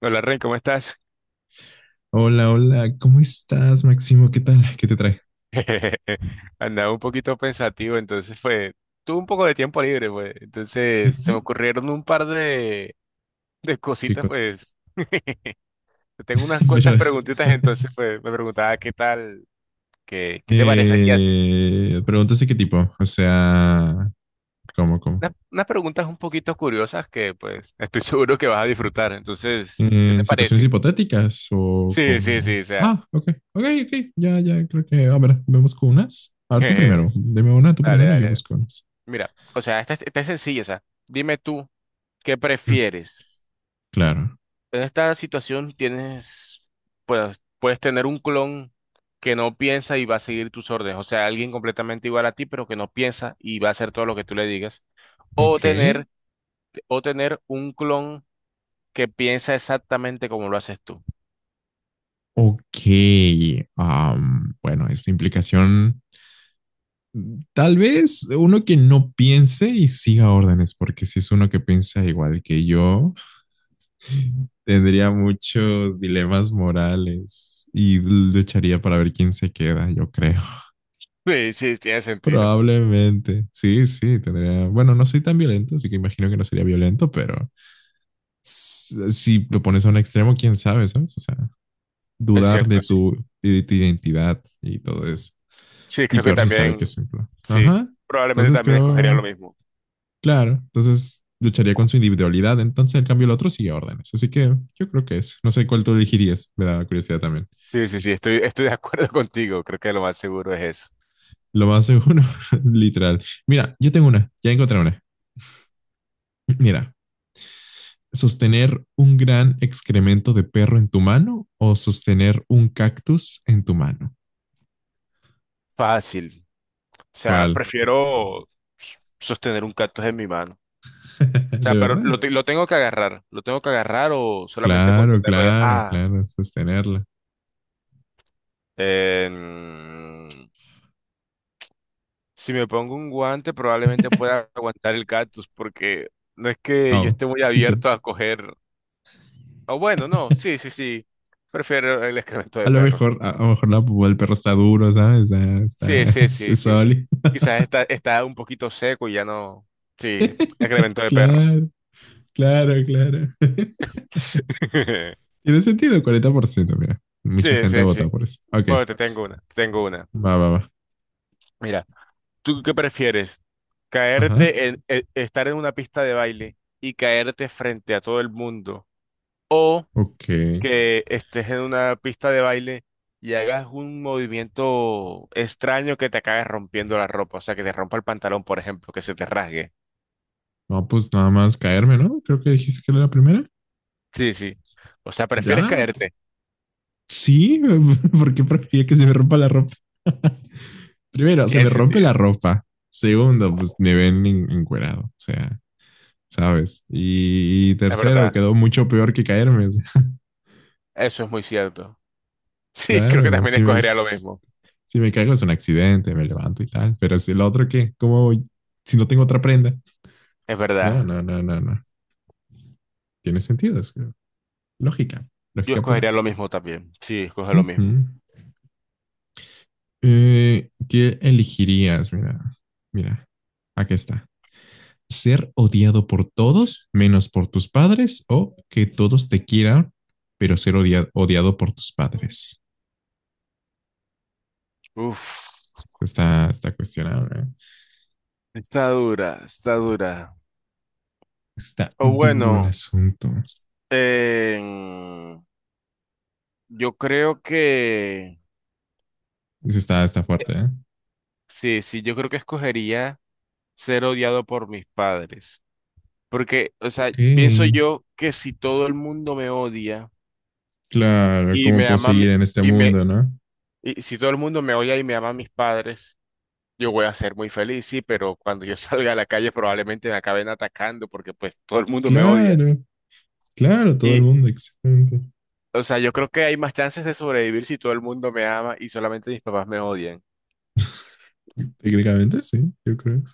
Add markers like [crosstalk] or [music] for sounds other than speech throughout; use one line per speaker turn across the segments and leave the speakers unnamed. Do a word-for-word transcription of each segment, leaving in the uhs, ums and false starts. Hola Rey, ¿cómo estás?
Hola, hola, ¿cómo estás, Máximo? ¿Qué tal? ¿Qué te trae?
[laughs] Andaba un poquito pensativo, entonces fue, tuve un poco de tiempo libre, pues, entonces
Ujú.
se me ocurrieron un par de, de
¿Qué
cositas,
cosa?
pues. [laughs] Tengo unas
[laughs]
cuantas
Pero,
preguntitas,
[laughs]
entonces fue, me preguntaba, "Ah, qué tal, qué, qué te parecería así."
eh, preguntas de qué tipo, o sea, ¿cómo, cómo?
Unas, unas preguntas un poquito curiosas que, pues, estoy [laughs] seguro que vas a disfrutar. Entonces, ¿qué
¿En
te
situaciones
parece?
hipotéticas o
Sí, sí,
cómo?
sí, o sea,
Ah, ok, ok, ok, ya, ya, creo que, a ver, me busco unas. A ver, tú
[laughs]
primero, dime una tú
dale, dale,
primero y yo
dale.
busco unas.
Mira, o sea, esta, es- esta es sencilla. O sea, dime tú, ¿qué
Mm,
prefieres?
claro,
En esta situación tienes, pues, puedes tener un clon que no piensa y va a seguir tus órdenes, o sea, alguien completamente igual a ti, pero que no piensa y va a hacer todo lo que tú le digas, o tener,
ok,
o tener un clon que piensa exactamente como lo haces tú.
ok, am, bueno, esta implicación... Tal vez uno que no piense y siga órdenes, porque si es uno que piensa igual que yo, tendría muchos dilemas morales y lucharía para ver quién se queda, yo creo.
Sí, sí, tiene
[laughs]
sentido.
Probablemente. Sí, sí, tendría. Bueno, no soy tan violento, así que imagino que no sería violento, pero si lo pones a un extremo, quién sabe, ¿sabes? O sea,
Es
dudar
cierto,
de
sí.
tu, de tu identidad y todo eso.
Sí,
Y
creo que
peor si sabe que
también,
es un plan.
sí,
Ajá.
probablemente
Entonces
también escogería lo
creo
mismo.
Claro, entonces lucharía con su individualidad, entonces en cambio el otro sigue órdenes. Así que yo creo que es. No sé cuál tú elegirías, me da curiosidad también.
Sí, sí, sí, estoy, estoy de acuerdo [laughs] contigo, creo que lo más seguro es eso.
Lo más seguro, [laughs] literal. Mira, yo tengo una, ya encontré una. Mira, sostener un gran excremento de perro en tu mano o sostener un cactus en tu mano.
Fácil. O sea,
¿Cuál?
prefiero sostener un cactus en mi mano.
[laughs]
O sea,
¿De
pero
verdad?
lo, te- lo tengo que agarrar. ¿Lo tengo que agarrar o solamente con
Claro,
tenerlo ya?
claro,
Ah,
claro, sostenerla.
em, si me pongo un guante probablemente pueda aguantar el cactus, porque no es que yo
Oh,
esté muy
sí te...
abierto a coger... O bueno, no, sí,
[laughs]
sí, sí. Prefiero el excremento
A
de
lo
perros.
mejor, a, a lo mejor la, el perro está duro, ¿sabes? Ah, está,
Sí, sí,
[laughs] es,
sí,
es
sí.
sólido.
Quizás está, está un poquito seco y ya no... Sí, excremento de perro.
Claro, claro, claro. [laughs]
[laughs]
Tiene sentido, cuarenta por ciento, mira. Mucha
Sí,
gente ha
sí, sí.
votado por eso. Ok,
Bueno, te tengo una, te tengo una.
va, va, va.
Mira. ¿Tú qué prefieres?
Ajá,
¿Caerte en, e- estar en una pista de baile y caerte frente a todo el mundo? ¿O
ok.
que estés en una pista de baile y hagas un movimiento extraño que te acabe rompiendo la ropa? O sea, que te rompa el pantalón, por ejemplo, que se te rasgue.
No, pues nada más caerme, ¿no? Creo que dijiste que era la primera.
Sí, sí. O sea, prefieres
Ya,
caerte.
sí, [laughs] porque prefería que se me rompa la ropa. [laughs] Primero, se
Tiene,
me
Sí.
rompe la
sentido.
ropa. Segundo, pues me ven en- encuerado, o sea, ¿sabes? Y, y
Es
tercero,
verdad.
quedó mucho peor que caerme. [laughs]
Eso es muy cierto. Sí, [laughs] creo que
Claro,
también
si me,
escogería lo mismo.
si me caigo es un accidente, me levanto y tal, pero si el otro qué, ¿cómo voy si no tengo otra prenda?
Es
No,
verdad.
no, no, no, no. Tiene sentido, es lógica,
Yo
lógica pura.
escogería lo mismo también. Sí, escoge lo
Ujú.
mismo.
Eh, ¿qué elegirías? Mira, mira, aquí está. ¿Ser odiado por todos menos por tus padres o que todos te quieran, pero ser odia- odiado por tus padres?
Uf.
Está, está cuestionable, ¿eh?
Está dura, está dura.
Está
O
duro el
bueno,
asunto.
em, yo creo que
Está, está
eh,
fuerte, ¿eh?
sí, sí, yo creo que escogería ser odiado por mis padres. Porque, o sea,
Ok.
pienso yo que si todo el mundo me odia
Claro,
y
cómo
me
puedo
ama a mí-
seguir en este
y me
mundo, ¿no?
y si todo el mundo me odia y me ama a mis padres, yo voy a ser muy feliz, sí, pero cuando yo [laughs] salga a la calle probablemente me acaben atacando, porque pues todo el mundo me odia.
Claro, claro, todo el
Y,
mundo, exactamente.
o sea, yo creo que hay más chances de sobrevivir si todo el mundo me ama y solamente mis papás me odian.
Técnicamente sí, yo creo que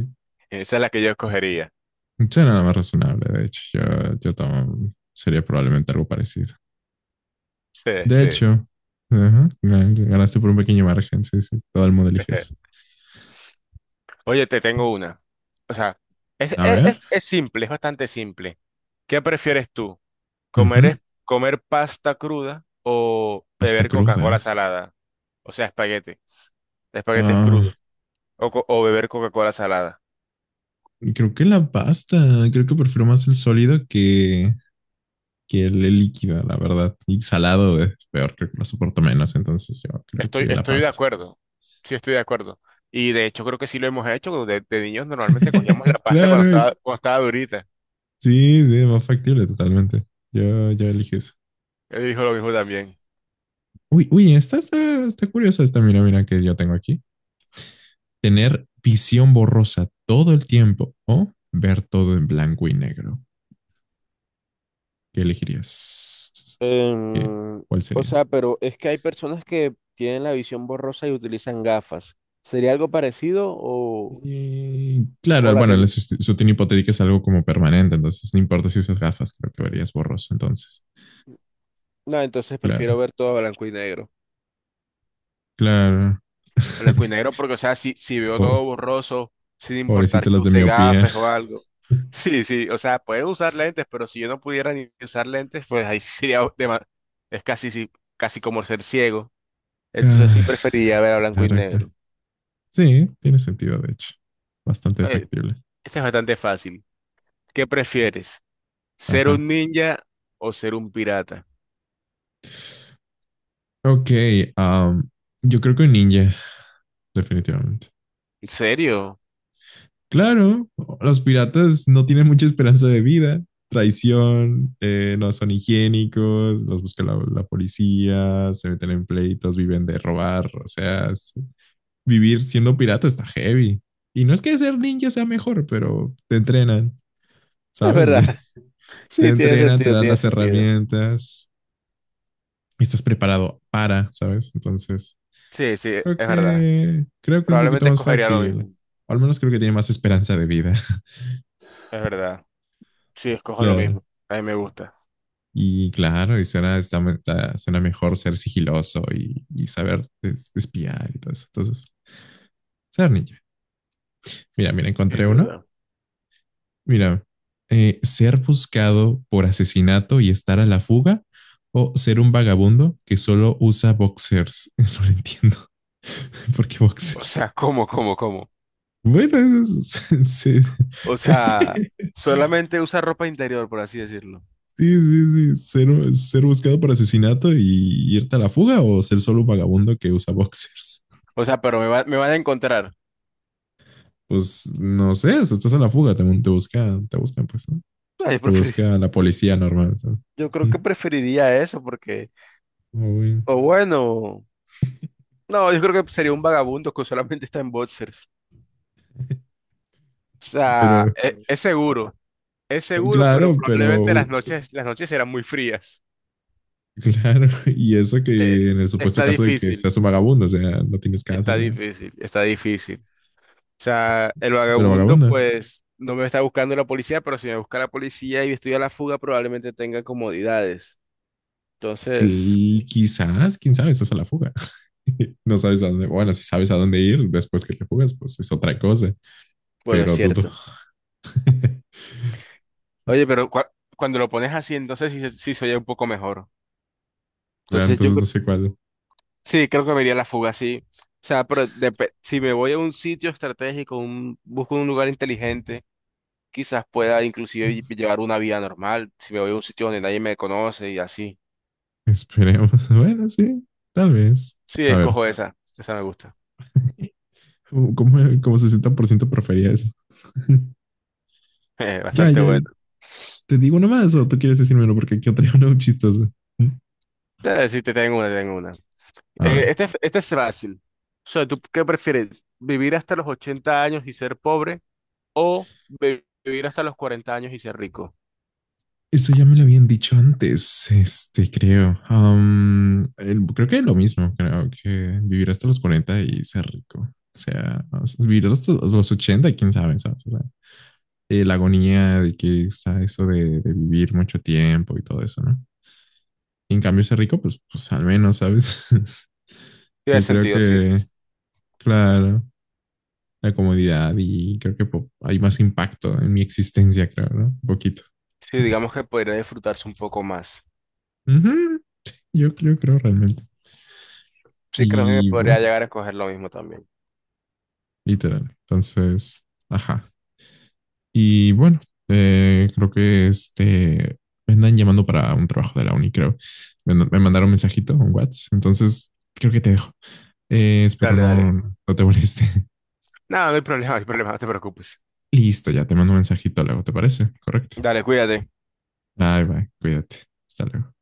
sí.
Esa es la que yo escogería.
Sí, suena nada más razonable, de hecho, yo, yo tomo- sería probablemente algo parecido.
Sí,
De
sí.
hecho, ajá, gan- ganaste por un pequeño margen, sí, sí, todo el mundo elige eso.
[laughs] Oye, te tengo una. O sea, es,
A
es, es-
ver,
es simple, es bastante simple. ¿Qué prefieres tú? ¿Comer,
ujú,
es- comer pasta cruda o
pasta
beber Coca-Cola
cruda.
salada? O sea, espaguetes. Espaguetes
Ah,
crudos. O, co- o beber Coca-Cola salada.
creo que la pasta, creo que prefiero más el sólido que, que el, el líquido, la verdad. Y salado es peor, creo que lo soporto menos. Entonces yo creo que
Estoy,
la
estoy de
pasta.
acuerdo. Sí, estoy de acuerdo. Y de hecho creo que sí lo hemos hecho. De, de niños normalmente cogíamos la
[laughs]
pasta cuando
Claro, es,
estaba, cuando estaba durita.
sí, sí, más factible totalmente. Yo, yo elijo eso.
Él dijo lo mismo también.
Uy, uy, esta está, está curiosa, esta, mira, mira que yo tengo aquí. Tener visión borrosa todo el tiempo o ver todo en blanco y negro. ¿Qué elegirías? ¿Qué,
Em,
¿Cuál
o
sería?
sea, pero es que hay personas que tienen la visión borrosa y utilizan gafas. ¿Sería algo parecido? o,
Eh,
o
claro,
la
bueno, la
ten...
sutión hipotética es algo como permanente, entonces no importa si usas gafas, creo que verías borroso entonces.
No, entonces prefiero
Claro,
ver todo a blanco y negro.
claro.
Blanco y
[laughs]
negro, porque, o sea, si, si veo todo
Po-
borroso, sin importar
Pobrecita
que
las de
use
miopía.
gafas o algo. [laughs] Sí, sí, o sea, pueden usar lentes, pero si yo no pudiera ni usar lentes, pues ahí [laughs] sí sería dema- Es casi, sí, casi como ser ciego. Entonces sí
Claro,
preferiría ver a blanco y
claro, claro.
negro.
Sí, tiene sentido, de hecho. Bastante
Eh,
factible.
este es bastante fácil. ¿Qué prefieres? ¿Ser un
Ajá.
ninja o ser un pirata?
Ok, am, yo creo que un ninja, definitivamente.
¿En serio?
Claro, los piratas no tienen mucha esperanza de vida. Traición, eh, no son higiénicos, los busca la, la policía, se meten en pleitos, viven de robar, o sea, es- vivir siendo pirata está heavy. Y no es que ser ninja sea mejor, pero te entrenan,
Es
¿sabes? O sea,
verdad. [laughs]
[laughs] te
Sí, tiene
entrenan, te
sentido,
dan
tiene
las
sentido.
herramientas y estás preparado para, ¿sabes? Entonces,
Sí, sí,
creo
es verdad.
que, creo que es un poquito
Probablemente
más
escogería lo
factible.
mismo.
O al menos creo que tiene más esperanza de vida. [laughs]
Es verdad. Sí, escojo lo
Claro.
mismo. A mí me gusta.
Y claro, y suena, está- está- suena mejor ser sigiloso y, y saber es- espiar y todo eso. Entonces, ser ninja. Mira, mira,
Sí,
encontré
Es
uno.
verdad.
Mira, eh, ser buscado por asesinato y estar a la fuga o ser un vagabundo que solo usa boxers. [laughs] No lo entiendo. [laughs] ¿Por qué
O
boxers?
sea, [laughs] ¿cómo, cómo, cómo?
Bueno, eso es... [laughs] sí,
O sea, solamente usa ropa interior, por así decirlo.
sí, sí. Ser, ser buscado por asesinato y irte a la fuga o ser solo un vagabundo que usa boxers.
O sea, pero me va- me van a encontrar. [laughs]
Pues no sé, si estás a la fuga, te, te buscan, te buscan, pues, ¿no?
No, yo
Te
prefer-
busca la policía normal, ¿sabes?
yo creo
[laughs]
que preferiría eso, porque,
Muy bien.
o bueno, no, yo creo que sería un vagabundo que solamente está en boxers.
[laughs]
O sea,
Pero
e- es, seguro. Es seguro, pero
claro, pero
probablemente las
[laughs]
noches, las noches serán muy frías.
claro, y eso
Eh,
que en el supuesto
Está
caso de que
difícil,
seas un vagabundo, o sea, no tienes casa,
está
ni nada.
difícil, está difícil. O sea, el
Pero
vagabundo,
vagabundo,
pues, no me está buscando la policía, pero si me busca la policía y estoy a la fuga, probablemente tenga comodidades. Entonces,
Qui- quizás, quién sabe, estás a la fuga. [laughs] No sabes a dónde, bueno, si sabes a dónde ir después que te fugas, pues es otra cosa,
bueno, es
pero dudo.
cierto.
[laughs]
Oye, pero cua- cuando lo pones así, entonces sí, se- sí se oye un poco mejor.
Claro,
Entonces yo
entonces
cre-
no sé cuál.
sí, creo que me iría a la fuga, sí. O sea, pero depe- si me voy a un sitio estratégico, un, busco un lugar inteligente. Quizás pueda inclusive llevar una vida normal, si me voy a un sitio donde nadie me conoce y así.
Esperemos. [laughs] Bueno, sí, tal vez.
Sí,
A ver,
escojo esa, esa me gusta.
como, como como sesenta por ciento prefería eso. [laughs]
[laughs]
Ya,
Bastante
ya, ya.
buena.
Te digo uno más o tú quieres decirme uno porque aquí [laughs] traigo uno chistoso.
Eh, sí, te tengo una, te tengo una.
A
Eh,
ver.
este, es- este es fácil. O sea, ¿tú qué prefieres? ¿Vivir hasta los ochenta años y ser pobre o vi- vivir hasta los cuarenta años y ser rico?
Esto ya me lo habían dicho antes, este, creo. Am, el- creo que lo mismo, creo que vivir hasta los cuarenta y ser rico. O sea, o sea, vivir hasta los ochenta, quién sabe, ¿sabes? O sea, eh, la agonía de que está eso de, de vivir mucho tiempo y todo eso, ¿no? Y en cambio, ser rico, pues, pues al menos, ¿sabes? [laughs]
Tiene
Yo creo
sentido, sí, sí.
que,
Sí,
claro, la comodidad y creo que po- hay más impacto en mi existencia, creo, ¿no? Un poquito.
Sí,
[laughs]
digamos que podría disfrutarse un poco más.
Ujú, yo creo, creo realmente.
Sí, creo que
Y bueno,
podría llegar a escoger lo mismo también.
literal. Entonces, ajá. Y bueno, eh, creo que este me andan llamando para un trabajo de la uni, creo. Me, me mandaron un mensajito, un WhatsApp. Entonces, creo que te dejo. Eh, espero
Dale,
no, no
dale.
no, no te moleste.
No, no hay problema, no hay problema, no te preocupes.
[laughs] Listo, ya te mando un mensajito luego, ¿te parece? Correcto.
Dale, cuídate.
Bye, bye. Cuídate. Hasta luego.